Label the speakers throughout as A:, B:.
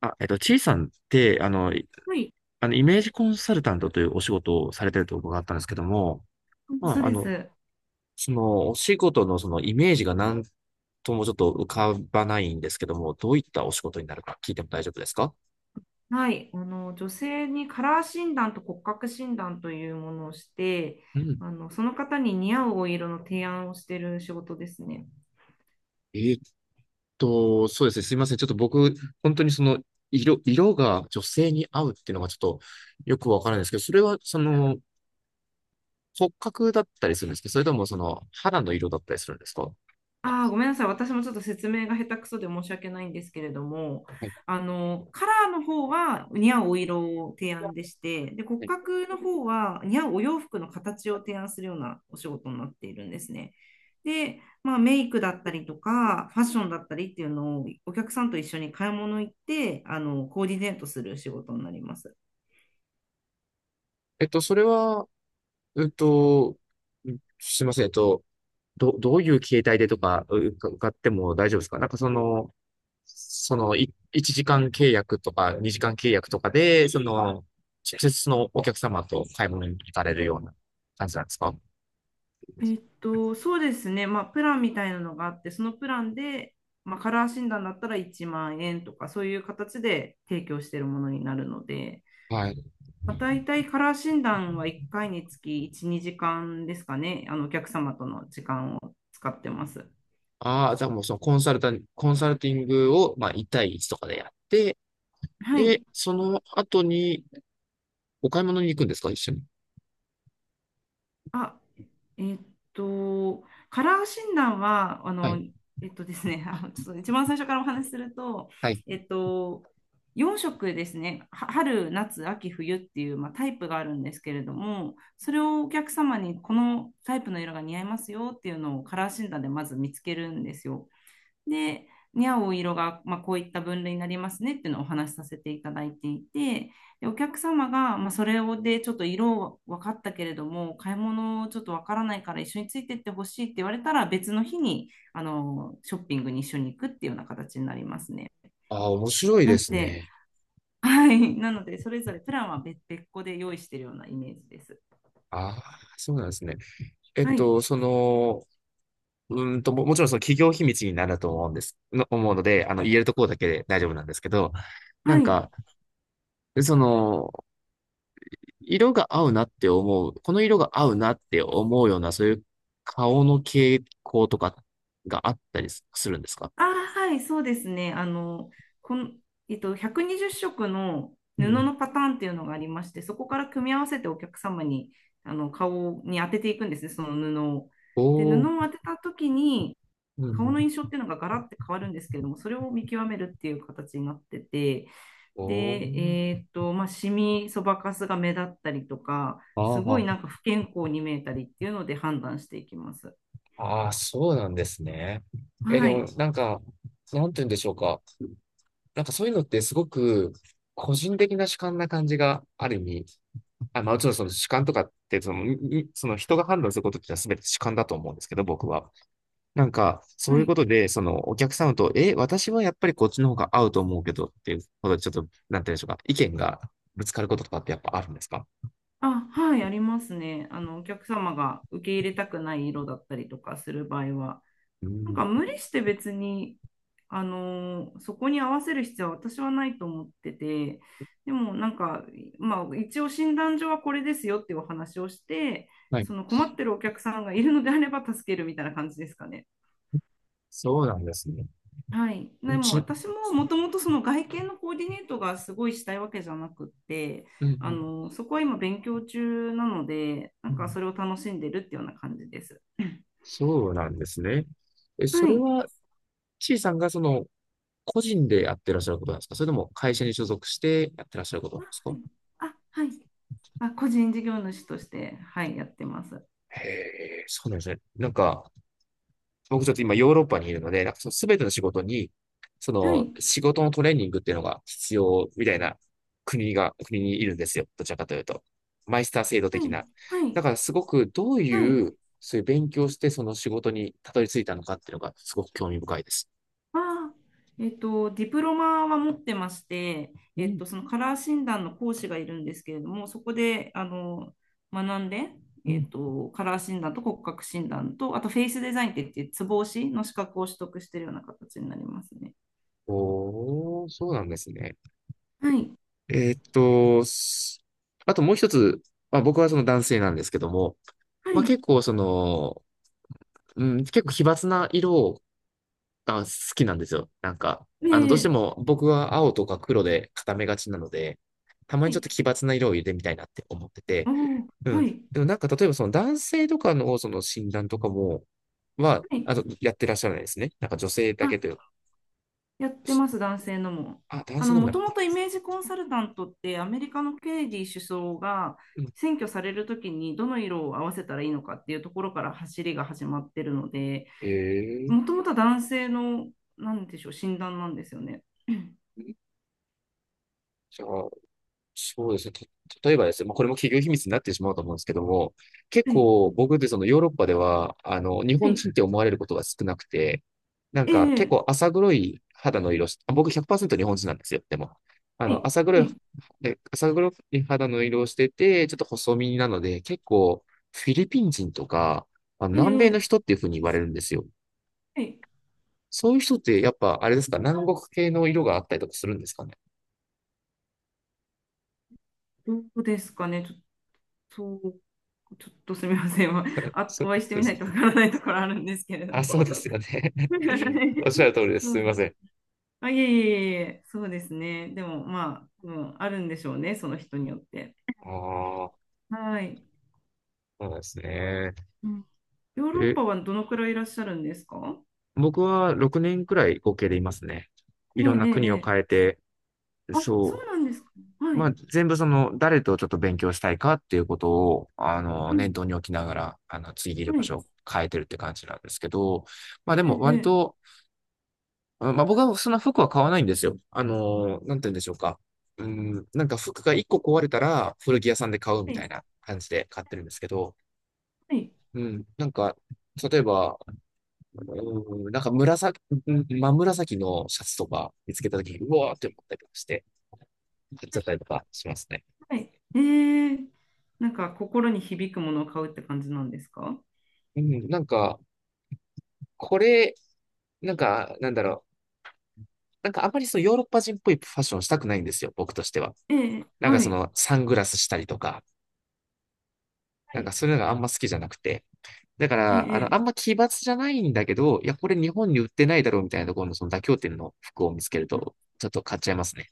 A: ちいさんって、
B: はい、
A: イメージコンサルタントというお仕事をされてると伺ったんですけども、ま
B: そう
A: あ、あ
B: で
A: の、
B: す。
A: その、お仕事のそのイメージがなんともちょっと浮かばないんですけども、どういったお仕事になるか聞いても大丈夫ですか？
B: はい、女性にカラー診断と骨格診断というものをして、
A: うん。
B: その方に似合うお色の提案をしている仕事ですね。
A: えーっそうですね。すいません。ちょっと僕、本当にその、色が女性に合うっていうのがちょっとよくわからないんですけど、それは、その、骨格だったりするんですけど、それともその、肌の色だったりするんですか？は
B: ああ、ごめんなさい。私もちょっと説明が下手くそで申し訳ないんですけれども、
A: い。
B: カラーの方は似合うお色を提案でして、で、骨
A: はい。
B: 格の方は似合うお洋服の形を提案するようなお仕事になっているんですね。で、まあ、メイクだったりとか、ファッションだったりっていうのをお客さんと一緒に買い物行って、コーディネートする仕事になります。
A: それは、えっと、すいません。どういう形態でとか、か伺っても大丈夫ですか？なんかその、1時間契約とか、2時間契約とかで、その、直接そのお客様と買い物に行かれるような感じなんですか？
B: そうですね。まあ、プランみたいなのがあって、そのプランで、まあ、カラー診断だったら1万円とか、そういう形で提供しているものになるので、
A: はい。
B: まあ、大体カラー診断は1回につき1、2時間ですかね。お客様との時間を使ってます。
A: ああ、じゃあもうそのコンサルティングを、まあ、1対1とかでやって、
B: はい。
A: で、その後にお買い物に行くんですか、一緒に？
B: あ、えっと、カラー診断は、あ
A: は
B: の、
A: い。
B: えっとですね、ちょっと一番最初からお話しすると、
A: はい。
B: えっと、4色ですね、は春、夏、秋、冬っていう、まあ、タイプがあるんですけれども、それをお客様にこのタイプの色が似合いますよっていうのをカラー診断でまず見つけるんですよ。で、に合お色が、まあ、こういった分類になりますねっていうのをお話しさせていただいていて、でお客様が、まあ、それをでちょっと色分かったけれども、買い物ちょっと分からないから一緒についてってほしいって言われたら、別の日にショッピングに一緒に行くっていうような形になりますね。
A: ああ、面白い
B: な
A: で
B: の
A: す
B: で、
A: ね。
B: はい、なので、それぞれプランは別別個で用意しているようなイメージです。
A: ああ、そうなんですね。えっ
B: はい、
A: と、その、もちろんその企業秘密になると思うんです、の、思うので、あの、言えるところだけで大丈夫なんですけど、な
B: は
A: ん
B: い。
A: か、その、色が合うなって思う、この色が合うなって思うような、そういう顔の傾向とかがあったりするんですか？
B: ああ、はい、そうですね。あの、この、えっと、120色の
A: う
B: 布
A: ん。
B: のパターンっていうのがありまして、そこから組み合わせてお客様に、顔に当てていくんですね、その布を。で、布
A: おー、
B: を当てた時に、
A: う
B: 顔の
A: ん。
B: 印象っていうのがガラッて変わるんですけれども、それを見極めるっていう形になってて、
A: お
B: で、
A: ー、
B: まあ、シミ、そばかすが目立ったりとか、すごい
A: あ
B: なんか不健康に見えたりっていうので判断していきます。
A: ああ、そうなんですね。え、で
B: は
A: も、
B: い。
A: なんか、なんて言うんでしょうか。なんかそういうのってすごく個人的な主観な感じがある意味、あ、まあもちろんその主観とかってその、にその人が判断することってのは全て主観だと思うんですけど、僕は。なんかそ
B: は
A: ういうこ
B: い
A: とで、そのお客様と、え、私はやっぱりこっちの方が合うと思うけどっていうことで、ちょっと、なんて言うんでしょうか、意見がぶつかることとかってやっぱあるんですか？
B: あ、はい、ありますね。お客様が受け入れたくない色だったりとかする場合は、
A: う
B: なん
A: ん。
B: か無理して別に、そこに合わせる必要は私はないと思ってて、でもなんか、まあ、一応診断書はこれですよっていうお話をして、
A: はい。
B: その困ってるお客さんがいるのであれば助けるみたいな感じですかね。
A: そうなんですね。
B: はい。でも
A: ち、う
B: 私ももともとその外見のコーディネートがすごいしたいわけじゃなくって、
A: んうん、
B: そこは今勉強中なので、な
A: う
B: んか
A: ん。
B: それを楽しんでるっていうような感じです。
A: そうなんですね。え、そ
B: は
A: れ
B: い。
A: は、ちいさんがその、個人でやってらっしゃることなんですか、それとも会社に所属してやってらっしゃることなん
B: は
A: ですか？
B: いあ、はい。あ、個人事業主として、はい、やってます。
A: へえ、そうなんですね。なんか、僕ちょっと今ヨーロッパにいるので、なんかその全ての仕事に、そ
B: は
A: の
B: い。
A: 仕事のトレーニングっていうのが必要みたいな国にいるんですよ。どちらかというと。マイスター制度
B: は
A: 的
B: い。
A: な。
B: は
A: だ
B: い。
A: からすごくどう
B: は
A: い
B: い。
A: う、そういう勉強してその仕事にたどり着いたのかっていうのがすごく興味深いです。
B: ああ、ディプロマは持ってまして、
A: うん、
B: そのカラー診断の講師がいるんですけれども、そこで、学んで、
A: うん。
B: カラー診断と骨格診断と、あとフェイスデザインって言って、ツボ押しの資格を取得しているような形になりますね。
A: おー、そうなんですね。
B: はい。
A: えーっと、すあともう一つ、まあ、僕はその男性なんですけども、
B: は
A: まあ、
B: い。
A: 結構その、うん、結構奇抜な色が好きなんですよ。なんか、あの、どうして
B: で、
A: も僕は青とか黒で固めがちなので、たま
B: は
A: にちょっ
B: い。
A: と奇抜な色を入れてみたいなって思ってて、
B: おお、
A: うん。
B: はい。
A: でもなんか例えばその男性とかのその診断とかも、
B: はい。
A: あの、やってらっしゃらないですね。なんか女性だけという。
B: やってます、男性のも。
A: あ、男性のも
B: も
A: やる。
B: ともとイメージコンサルタントってアメリカのケネディ首相が
A: うん。
B: 選挙されるときにどの色を合わせたらいいのかっていうところから走りが始まってるので、
A: え
B: も
A: え、
B: ともとは男性の、なんでしょう、診断なんですよね。
A: じゃあ、そうですね。例えばですね、まあ、これも企業秘密になってしまうと思うんですけども、結
B: はい、
A: 構僕ってそのヨーロッパでは、あの、日
B: は
A: 本
B: い、
A: 人って思われることが少なくて、なん
B: え
A: か結
B: え、
A: 構浅黒い肌の色し、あ、僕100%日本人なんですよ、でも。あ
B: はい、
A: の、浅
B: は
A: 黒い、
B: い、
A: で浅黒い肌の色をしてて、ちょっと細身なので、結構フィリピン人とか、あの
B: え
A: 南米の
B: え、
A: 人っていうふうに言われるんですよ。
B: はい、
A: そういう人ってやっぱあれですか、南国系の色があったりとかするんですかね？
B: どうですかね、と、ちょっと、すみません、あ、
A: そ
B: お
A: うそう
B: 会いして
A: で
B: みないと
A: す
B: わからないところあるんですけれど
A: あ、
B: も。
A: そうですよね。
B: は い
A: おっしゃる通りです。
B: そ
A: す
B: う
A: みません。
B: あ、いえいえいえ、そうですね。でも、まあ、うん、あるんでしょうね、その人によって。
A: ああ、
B: はい。
A: そうなんですね。
B: うん、ヨーロッ
A: え、
B: パはどのくらいいらっしゃるんですか？
A: 僕は6年くらい合計でいますね。い
B: ええ、
A: ろんな
B: ええ、え
A: 国を
B: え
A: 変えて、
B: あ、そう
A: そ
B: なんですか。
A: う。
B: は
A: ま
B: い。
A: あ、全部その、誰とちょっと勉強したいかっていうことを、あの、
B: う
A: 念
B: ん、
A: 頭に置きながら、あの、次いる
B: は
A: 場
B: い。
A: 所を変えてるって感じなんですけど、まあで
B: え
A: も割
B: え、
A: と、まあ僕はそんな服は買わないんですよ。あの、なんて言うんでしょうか。うん、なんか服が1個壊れたら古着屋さんで買うみ
B: ええは
A: たい
B: い、
A: な感じで買ってるんですけど、
B: はい、
A: うん。なんか、例えば、うん、なんか紫、うん、真紫のシャツとか見つけたときに、うわーって思ったりとかして、買っちゃったりとかしますね。
B: はい。ええ、なんか心に響くものを買うって感じなんですか？
A: うん。なんか、これ、なんか、なんだろう。なんかあんまりそのヨーロッパ人っぽいファッションしたくないんですよ、僕としては。
B: ええ、
A: なんか
B: は
A: そ
B: い。
A: のサングラスしたりとか、
B: は
A: なんか
B: い。
A: そういうのがあんま好きじゃなくて。だか
B: え
A: ら、あの、あ
B: え、
A: んま奇抜じゃないんだけど、いや、これ日本に売ってないだろうみたいなところのその妥協点の服を見つけると、ちょっと買っちゃいますね。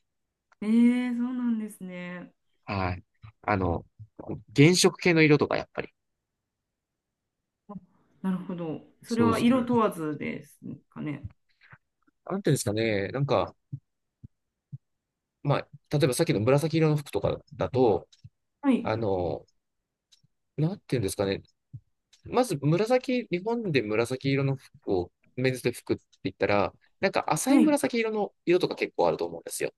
B: ええ、ええそうなんですね。
A: はい。あの、原色系の色とか、やっぱり。
B: なるほど。それ
A: そう
B: は
A: そ
B: 色
A: う
B: 問わずですかね？
A: なんていうんですかね。なんか、まあ、例えばさっきの紫色の服とかだと、
B: はい、
A: あの、なんていうんですかね。まず紫、日本で紫色の服を、メンズで服って言ったら、なんか浅い
B: はい。
A: 紫色の色とか結構あると思うんですよ。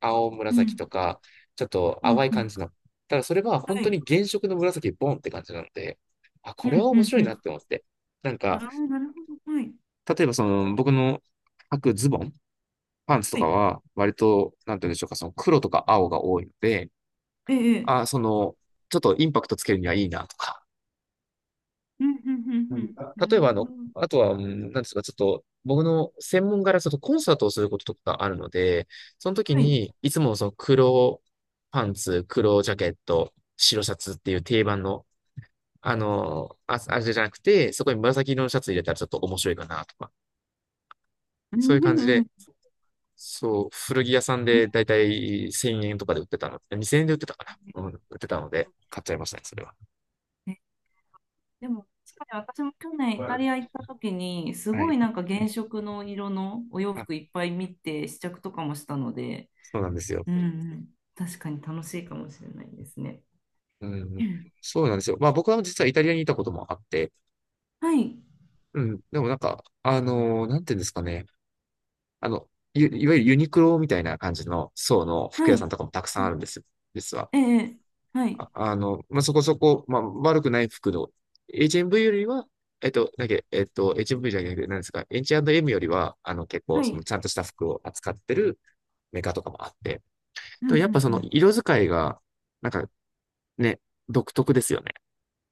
A: 青
B: う
A: 紫と
B: ん、
A: か、ちょっと
B: うん、
A: 淡い
B: う
A: 感
B: ん。
A: じの。ただそれは本
B: は
A: 当
B: い。
A: に原色の紫ボンって感じなので、あ、
B: う
A: これは
B: んう
A: 面白いなっ
B: ん
A: て思って。なん
B: うん。
A: か、
B: ああ、なるほど。はい。
A: 例えばその、僕の履くズボン。パンツと
B: は
A: か
B: い。
A: は、割と、なんて言うんでしょうか、その黒とか青が多いので、
B: ええ。
A: あー、
B: ええ
A: その、ちょっとインパクトつけるにはいいなとか。
B: うんうんう
A: うん、
B: んう
A: 例え
B: ん。
A: ば、
B: な
A: あ
B: るほど。
A: の、あとは、うん、なんですか、ちょっと、僕の専門柄、ちょっとコンサートをすることとかあるので、その時
B: はい。
A: に、いつもその黒パンツ、黒ジャケット、白シャツっていう定番の、あれじゃなくて、そこに紫色のシャツ入れたらちょっと面白いかなとか、
B: うん
A: そういう
B: う
A: 感じ
B: んう
A: で、
B: ん。
A: そう、古着屋さん
B: うん
A: でだいたい1000円とかで売ってたの。2000円で売ってたかな。うん、売ってたので、買っちゃいましたね、それは。
B: ね。でも、確かに私も去年イ
A: は
B: タリア行った時に、すごいな
A: い。
B: んか原色の色のお洋
A: あ、
B: 服いっぱい見て試着とかもしたので、
A: そうなんですよ。
B: うんうん、確かに楽しいかもしれないですね。
A: う
B: う
A: ん。
B: ん
A: そうなんですよ。まあ僕は実はイタリアにいたこともあって、
B: はい、
A: うん。でもなんか、あのー、なんていうんですかね。あの、いわゆるユニクロみたいな感じの層の
B: は
A: 服屋さ
B: い、
A: んとかもたくさ
B: う
A: んあるん
B: ん
A: ですよ。実は。
B: ええ、はい、
A: あ、あの、まあ、そこそこ、まあ、悪くない服の、HMV よりは、えっと、だけ、えっと、HMV じゃなくて、何ですか、H&M よりは、あの、結構、
B: は
A: その、
B: い、
A: ちゃんとした服を扱ってるメーカーとかもあって、
B: うんう
A: と、やっぱその、
B: ん
A: 色使いが、なんかね、独特ですよね。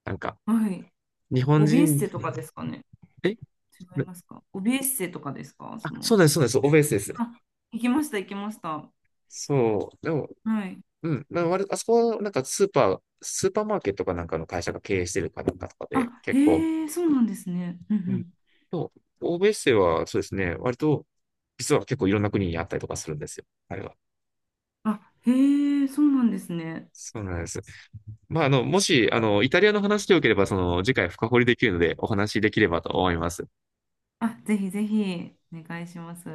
A: なんか、
B: うん、はい。
A: 日本
B: オビエス
A: 人、
B: テとかですかね？
A: え
B: 違いますかオビエッセとかですか
A: あ、
B: その？
A: そうなんです、オベースです。
B: あ、行きました、行きました。
A: そう、でも、
B: はい。
A: うん、なんか割とあそこは、なんか、スーパーマーケットかなんかの会社が経営してるかなんかとかで、
B: あ、
A: 結構、
B: へえ、そうなんですね。う
A: うん。
B: ん
A: と、欧米生はそうですね、割と、実は結構いろんな国にあったりとかするんですよ、あれは。
B: うん。あ、へえ、そうなんですね。
A: そうなんです。もし、あの、イタリアの話でよければ、その、次回深掘りできるので、お話しできればと思います。
B: あ、ぜひぜひ、お願いします。